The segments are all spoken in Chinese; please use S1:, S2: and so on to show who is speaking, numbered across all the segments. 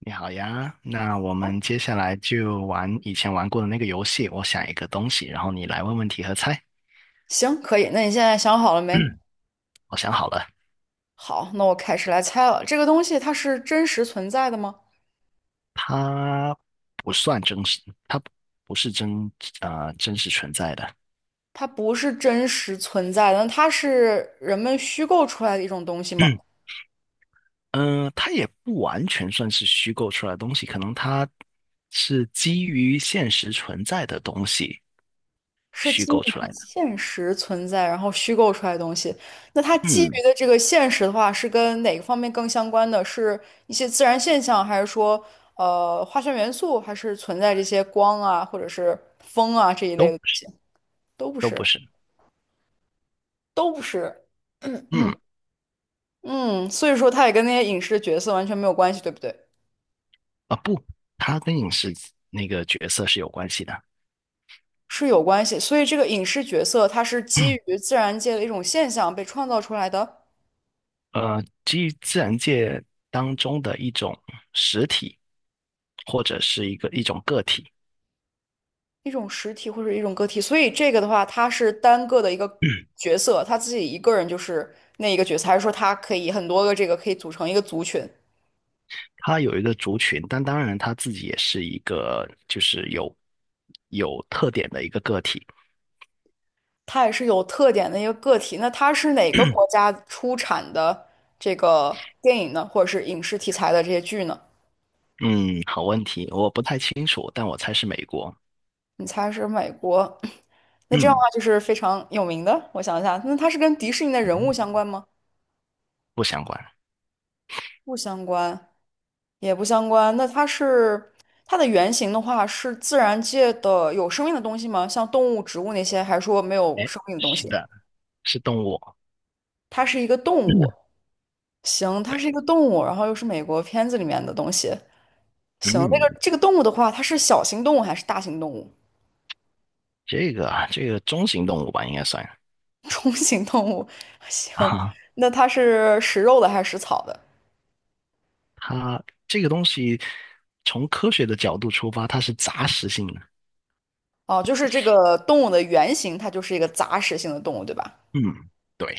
S1: 你好呀，那我们接下来就玩以前玩过的那个游戏。我想一个东西，然后你来问问题和猜。
S2: 行，可以。那你现在想好了没？
S1: 嗯，我想好了，
S2: 好，那我开始来猜了。这个东西它是真实存在的吗？
S1: 它不算真实，它不不是真呃真实存在的。
S2: 它不是真实存在的，那它是人们虚构出来的一种东西吗？
S1: 嗯、它也不完全算是虚构出来的东西，可能它是基于现实存在的东西
S2: 是
S1: 虚
S2: 基
S1: 构
S2: 于
S1: 出来的。
S2: 现实存在，然后虚构出来的东西。那它基
S1: 嗯，
S2: 于的这个现实的话，是跟哪个方面更相关的？是一些自然现象，还是说化学元素，还是存在这些光啊，或者是风啊这一
S1: 都
S2: 类
S1: 不
S2: 的东
S1: 是
S2: 西？都不
S1: 都不
S2: 是，
S1: 是。
S2: 都不是。
S1: 嗯。
S2: 嗯，所以说它也跟那些影视角色完全没有关系，对不对？
S1: 不，它跟那个角色是有关系的。
S2: 是有关系，所以这个影视角色它是基 于自然界的一种现象被创造出来的
S1: 呃，基于自然界当中的一种实体，或者是一种个体，
S2: 一种实体或者一种个体，所以这个的话，它是单个的一个角色，他自己一个人就是那一个角色，还是说它可以很多个这个可以组成一个族群？
S1: 它有一个族群，但当然它自己也是一个就是有特点的一个个体。
S2: 它也是有特点的一个个体。那它是哪个国家出产的这个电影呢，或者是影视题材的这些剧呢？
S1: 嗯，好问题，我不太清楚，但我猜是美国。
S2: 你猜是美国？那这样的
S1: 嗯，
S2: 话就是非常有名的。我想一下，那它是跟迪士尼的人物相关吗？
S1: 不相关。
S2: 不相关，也不相关。那它是它的原型的话，是自然界的有生命的东西吗？像动物、植物那些，还是说没有
S1: 哎，
S2: 生命的东
S1: 是
S2: 西？
S1: 的，是动物。
S2: 它是一个动
S1: 嗯，
S2: 物。行，它
S1: 对。
S2: 是一个动物，然后又是美国片子里面的东西。行，那
S1: 嗯，
S2: 个这个动物的话，它是小型动物还是大型动物？
S1: 这个中型动物吧，应该算。
S2: 中型动物。行，
S1: 啊。
S2: 那它是食肉的还是食草的？
S1: 它这个东西从科学的角度出发，它是杂食性的。
S2: 哦，就是这个动物的原型，它就是一个杂食性的动物，对吧？
S1: 嗯，对，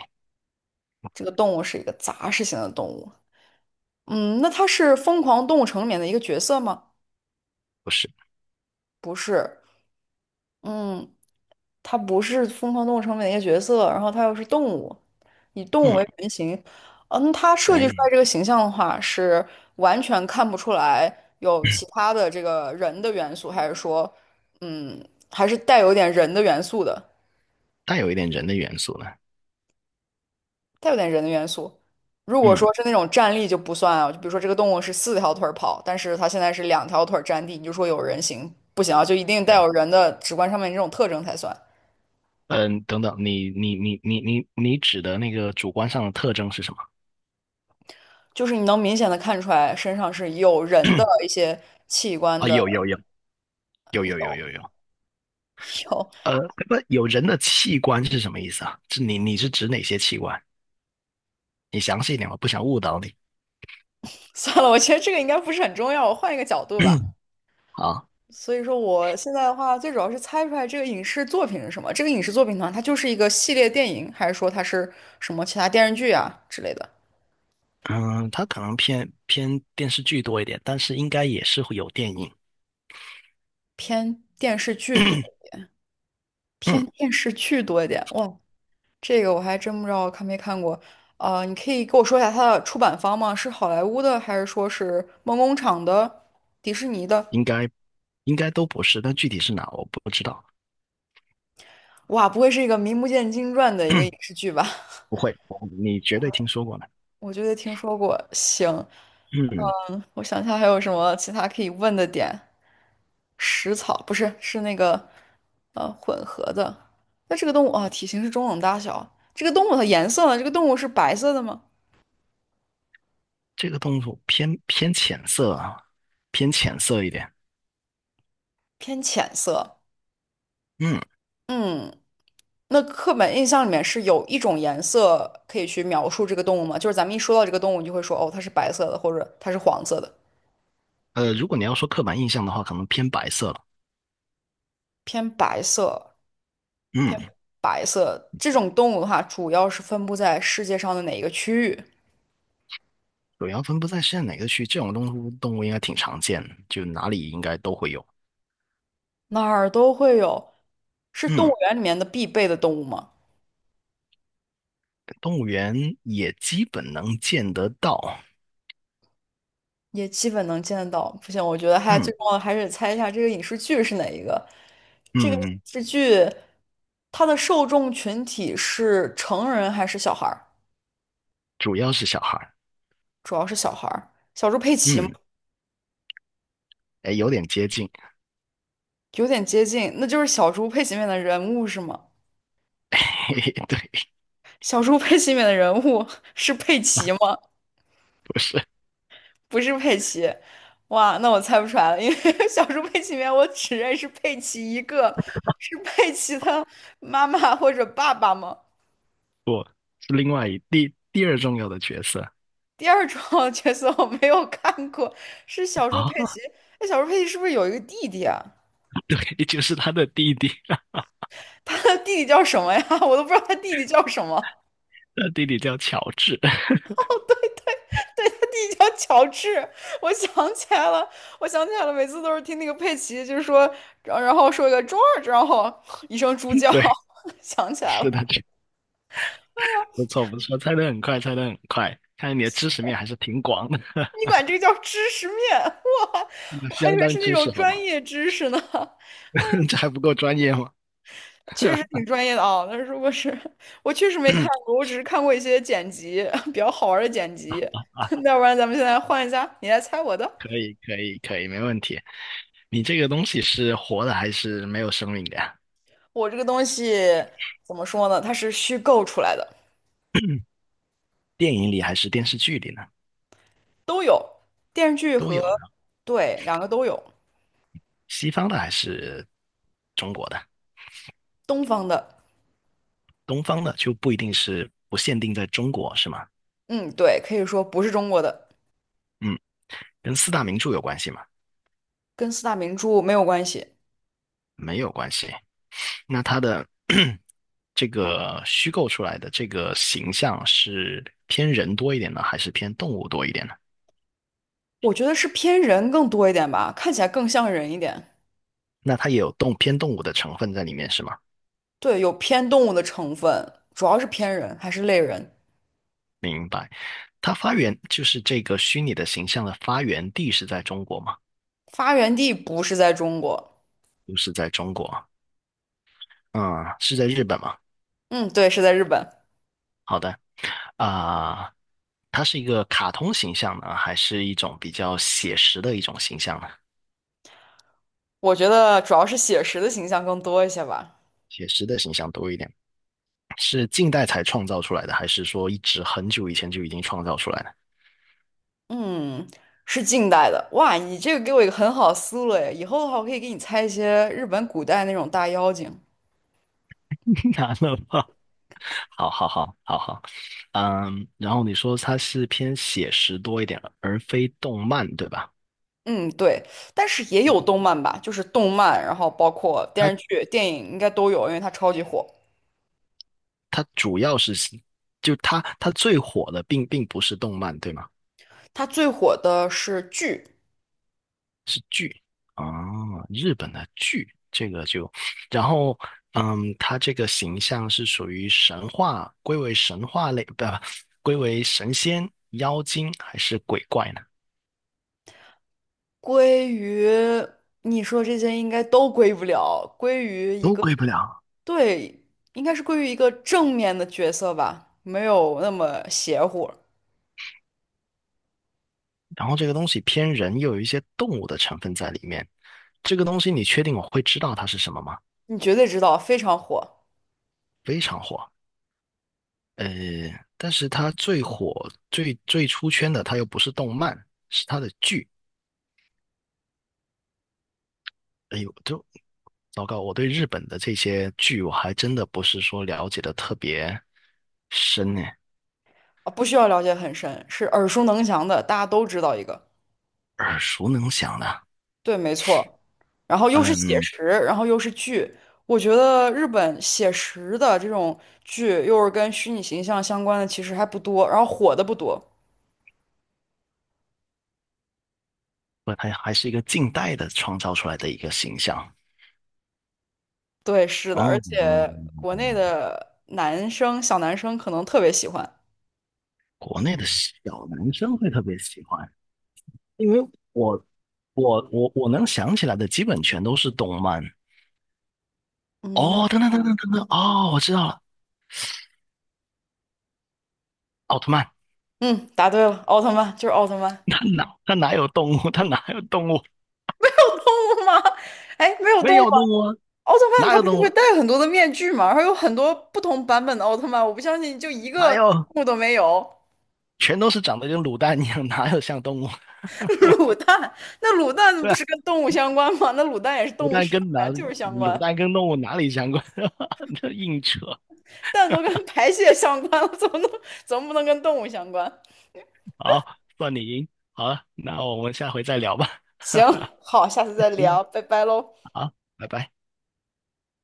S2: 这个动物是一个杂食性的动物。嗯，那它是《疯狂动物城》里面的一个角色吗？
S1: 不是。
S2: 不是，嗯，它不是《疯狂动物城》里面的一个角色，然后它又是动物，以动物
S1: 嗯，
S2: 为原型。嗯，它设计出
S1: 对。
S2: 来这个形象的话，是完全看不出来有其 他的这个人的元素，还是说，嗯，还是带有点人的元素的？
S1: 带有一点人的元素了。
S2: 带有点人的元素。如果
S1: 嗯，
S2: 说是那种站立就不算啊，就比如说这个动物是四条腿儿跑，但是它现在是两条腿儿站地，你就说有人形不行啊，就一定带
S1: 对。
S2: 有人的直观上面这种特征才算。
S1: 嗯，等等，你指的那个主观上的特征是什么？
S2: 就是你能明显的看出来身上是有人的一些器官
S1: 啊，
S2: 的
S1: 有。
S2: 有。
S1: 呃，不，有人的器官是什么意思啊？是你是指哪些器官？你详细一点，我不想误导你。
S2: 算了，我觉得这个应该不是很重要，我换一个角度吧。
S1: 啊，
S2: 所以说，我现在的话，最主要是猜出来这个影视作品是什么。这个影视作品呢，它就是一个系列电影，还是说它是什么其他电视剧啊之类的，
S1: 嗯，它可能偏电视剧多一点，但是应该也是会有电影。
S2: 偏电视剧多？
S1: 嗯，
S2: 偏电视剧多一点。哇，这个我还真不知道看没看过。啊、你可以给我说一下它的出版方吗？是好莱坞的，还是说是梦工厂的、迪士尼的？
S1: 应该应该都不是，但具体是哪我不知道。
S2: 哇，不会是一个名不见经传的一个影视剧吧？
S1: 不会，我你绝对听说过的。
S2: 我觉得听说过。行，
S1: 嗯，
S2: 嗯，我想一下还有什么其他可以问的点。食草不是，是那个混合的。那这个动物啊，体型是中等大小。这个动物的颜色呢？这个动物是白色的吗？
S1: 这个动物偏浅色啊，偏浅色一点。
S2: 偏浅色。
S1: 嗯，
S2: 嗯。那刻板印象里面是有一种颜色可以去描述这个动物吗？就是咱们一说到这个动物，你就会说哦，它是白色的，或者它是黄色的，
S1: 呃，如果你要说刻板印象的话，可能偏白色了。
S2: 偏白色，
S1: 嗯，
S2: 偏白色。这种动物的话，主要是分布在世界上的哪一个区域？
S1: 主要分布在现在哪个区？这种动物应该挺常见的，就哪里应该都会有。
S2: 哪儿都会有，是动
S1: 嗯，
S2: 物园里面的必备的动物吗？
S1: 动物园也基本能见得到。
S2: 也基本能见得到。不行，我觉得还
S1: 嗯，
S2: 最重要的还是猜一下这个影视剧是哪一个。这个影
S1: 嗯，
S2: 视剧它的受众群体是成人还是小孩儿？
S1: 主要是小孩儿。
S2: 主要是小孩儿，小猪佩奇嘛，
S1: 嗯，哎，有点接近。
S2: 有点接近，那就是小猪佩奇里面的人物是吗？
S1: 嘿嘿，对。
S2: 小猪佩奇里面的人物 是佩奇吗？
S1: 不是。
S2: 不是佩奇，哇，那我猜不出来了，因为 小猪佩奇里面我只认识佩奇一个，是佩奇的妈妈或者爸爸吗？
S1: 不，是另外第二重要的角色。
S2: 第二种 角色我没有看过，是小猪佩
S1: 啊，
S2: 奇。那小猪佩奇是不是有一个弟弟啊？
S1: 也就是他的弟弟，
S2: 他的弟弟叫什么呀？我都不知道他弟弟叫什么。
S1: 他弟弟叫乔治。
S2: 对，他弟弟叫乔治，我想起来了，我想起来了，每次都是听那个佩奇，就是说，然后说一个 g 二 o 然后 一声猪 叫，
S1: 对，
S2: 想起来了，
S1: 是的，不错不错，猜得很快，猜得很快，看来你的知识面还是挺广的。
S2: 你管这个叫知识面？哇，我还以
S1: 相
S2: 为
S1: 当
S2: 是那
S1: 知
S2: 种
S1: 识好
S2: 专
S1: 吗？
S2: 业知识呢，
S1: 这还不够专业吗？
S2: 确实挺专业的啊。但是如果是我确实没看过，我只是看过一些剪辑，比较好玩的剪辑。要不然咱们现在换一下，你来猜我的，
S1: 可以可以可以，没问题。你这个东西是活的还是没有生命的呀？
S2: 我这个东西怎么说呢？它是虚构出来的。
S1: 电影里还是电视剧里呢？
S2: 都有，电视剧
S1: 都
S2: 和
S1: 有的，
S2: 对两个都有，
S1: 西方的还是中国的，
S2: 东方的，
S1: 东方的就不一定是不限定在中国，是吗？
S2: 嗯，对，可以说不是中国的，
S1: 嗯。跟四大名著有关系吗？
S2: 跟四大名著没有关系。
S1: 没有关系。那它的 这个虚构出来的这个形象是偏人多一点呢，还是偏动物多一点呢？
S2: 我觉得是偏人更多一点吧，看起来更像人一点。
S1: 那它也有偏动物的成分在里面是吗？
S2: 对，有偏动物的成分，主要是偏人还是类人。
S1: 它发源就是这个虚拟的形象的发源地是在中国吗？
S2: 发源地不是在中国，
S1: 不是在中国，嗯，是在日本吗？
S2: 嗯，对，是在日本。
S1: 好的。啊、它是一个卡通形象呢，还是一种比较写实的一种形象呢？
S2: 我觉得主要是写实的形象更多一些吧。
S1: 写实的形象多一点。是近代才创造出来的，还是说一直很久以前就已经创造出来的？
S2: 嗯，是近代的。哇，你这个给我一个很好的思路诶，以后的话我可以给你猜一些日本古代那种大妖精。
S1: 难了吧？好，嗯，然后你说它是偏写实多一点，而非动漫，对吧？
S2: 嗯，对，但是也有动漫吧，就是动漫，然后包括电
S1: 它
S2: 视剧、电影应该都有，因为它超级火。
S1: 它主要是就它它最火的并不是动漫，对吗？
S2: 它最火的是剧，
S1: 是剧啊，日本的剧，这个就，然后嗯，它这个形象是属于神话，归为神话类，不，归为神仙、妖精还是鬼怪呢？
S2: 归于你说这些应该都归不了，归于一
S1: 都
S2: 个，
S1: 归不了。
S2: 对，应该是归于一个正面的角色吧，没有那么邪乎。
S1: 然后这个东西偏人，又有一些动物的成分在里面。这个东西你确定我会知道它是什么吗？
S2: 你绝对知道，非常火
S1: 非常火，呃，但是它最火、最出圈的，它又不是动漫，是它的剧。哎呦，糟糕，我对日本的这些剧，我还真的不是说了解的特别深呢，
S2: 啊，不需要了解很深，是耳熟能详的，大家都知道一个。
S1: 耳熟能详的。
S2: 对，没错。然后又是写
S1: 嗯，
S2: 实，然后又是剧。我觉得日本写实的这种剧，又是跟虚拟形象相关的，其实还不多，然后火的不多。
S1: 不，它还是一个近代的创造出来的一个形象。
S2: 对，是的，而
S1: 哦，
S2: 且国内的男生小男生可能特别喜欢。
S1: 国内的小男生会特别喜欢，因为我我能想起来的基本全都是动漫。
S2: 嗯，那
S1: 哦，等等，哦，我知道了，奥特曼。
S2: 嗯，答对了，奥特曼就是奥特曼。
S1: 他哪有动物？他哪有动物？
S2: 有动物吗？哎，没有
S1: 没
S2: 动物吗？
S1: 有动物啊，
S2: 奥特曼
S1: 哪
S2: 他
S1: 有
S2: 不是
S1: 动
S2: 会
S1: 物？
S2: 戴很多的面具吗？然后有很多不同版本的奥特曼，我不相信就一
S1: 哪
S2: 个
S1: 有？
S2: 动物都没有。
S1: 全都是长得跟卤蛋一样，哪有像动物？
S2: 卤蛋，那卤蛋
S1: 对
S2: 不
S1: 吧，
S2: 是跟动物相关吗？那卤蛋也是动物生的啊，就是相
S1: 卤
S2: 关。
S1: 蛋跟动物哪里相关？这硬扯。
S2: 蛋都跟排泄相关了，怎么不能跟动物相关？
S1: 好，算你赢。好了，那我们下回再聊吧。
S2: 行，好，下次再
S1: 嗯，
S2: 聊，拜拜喽。
S1: 好，拜拜。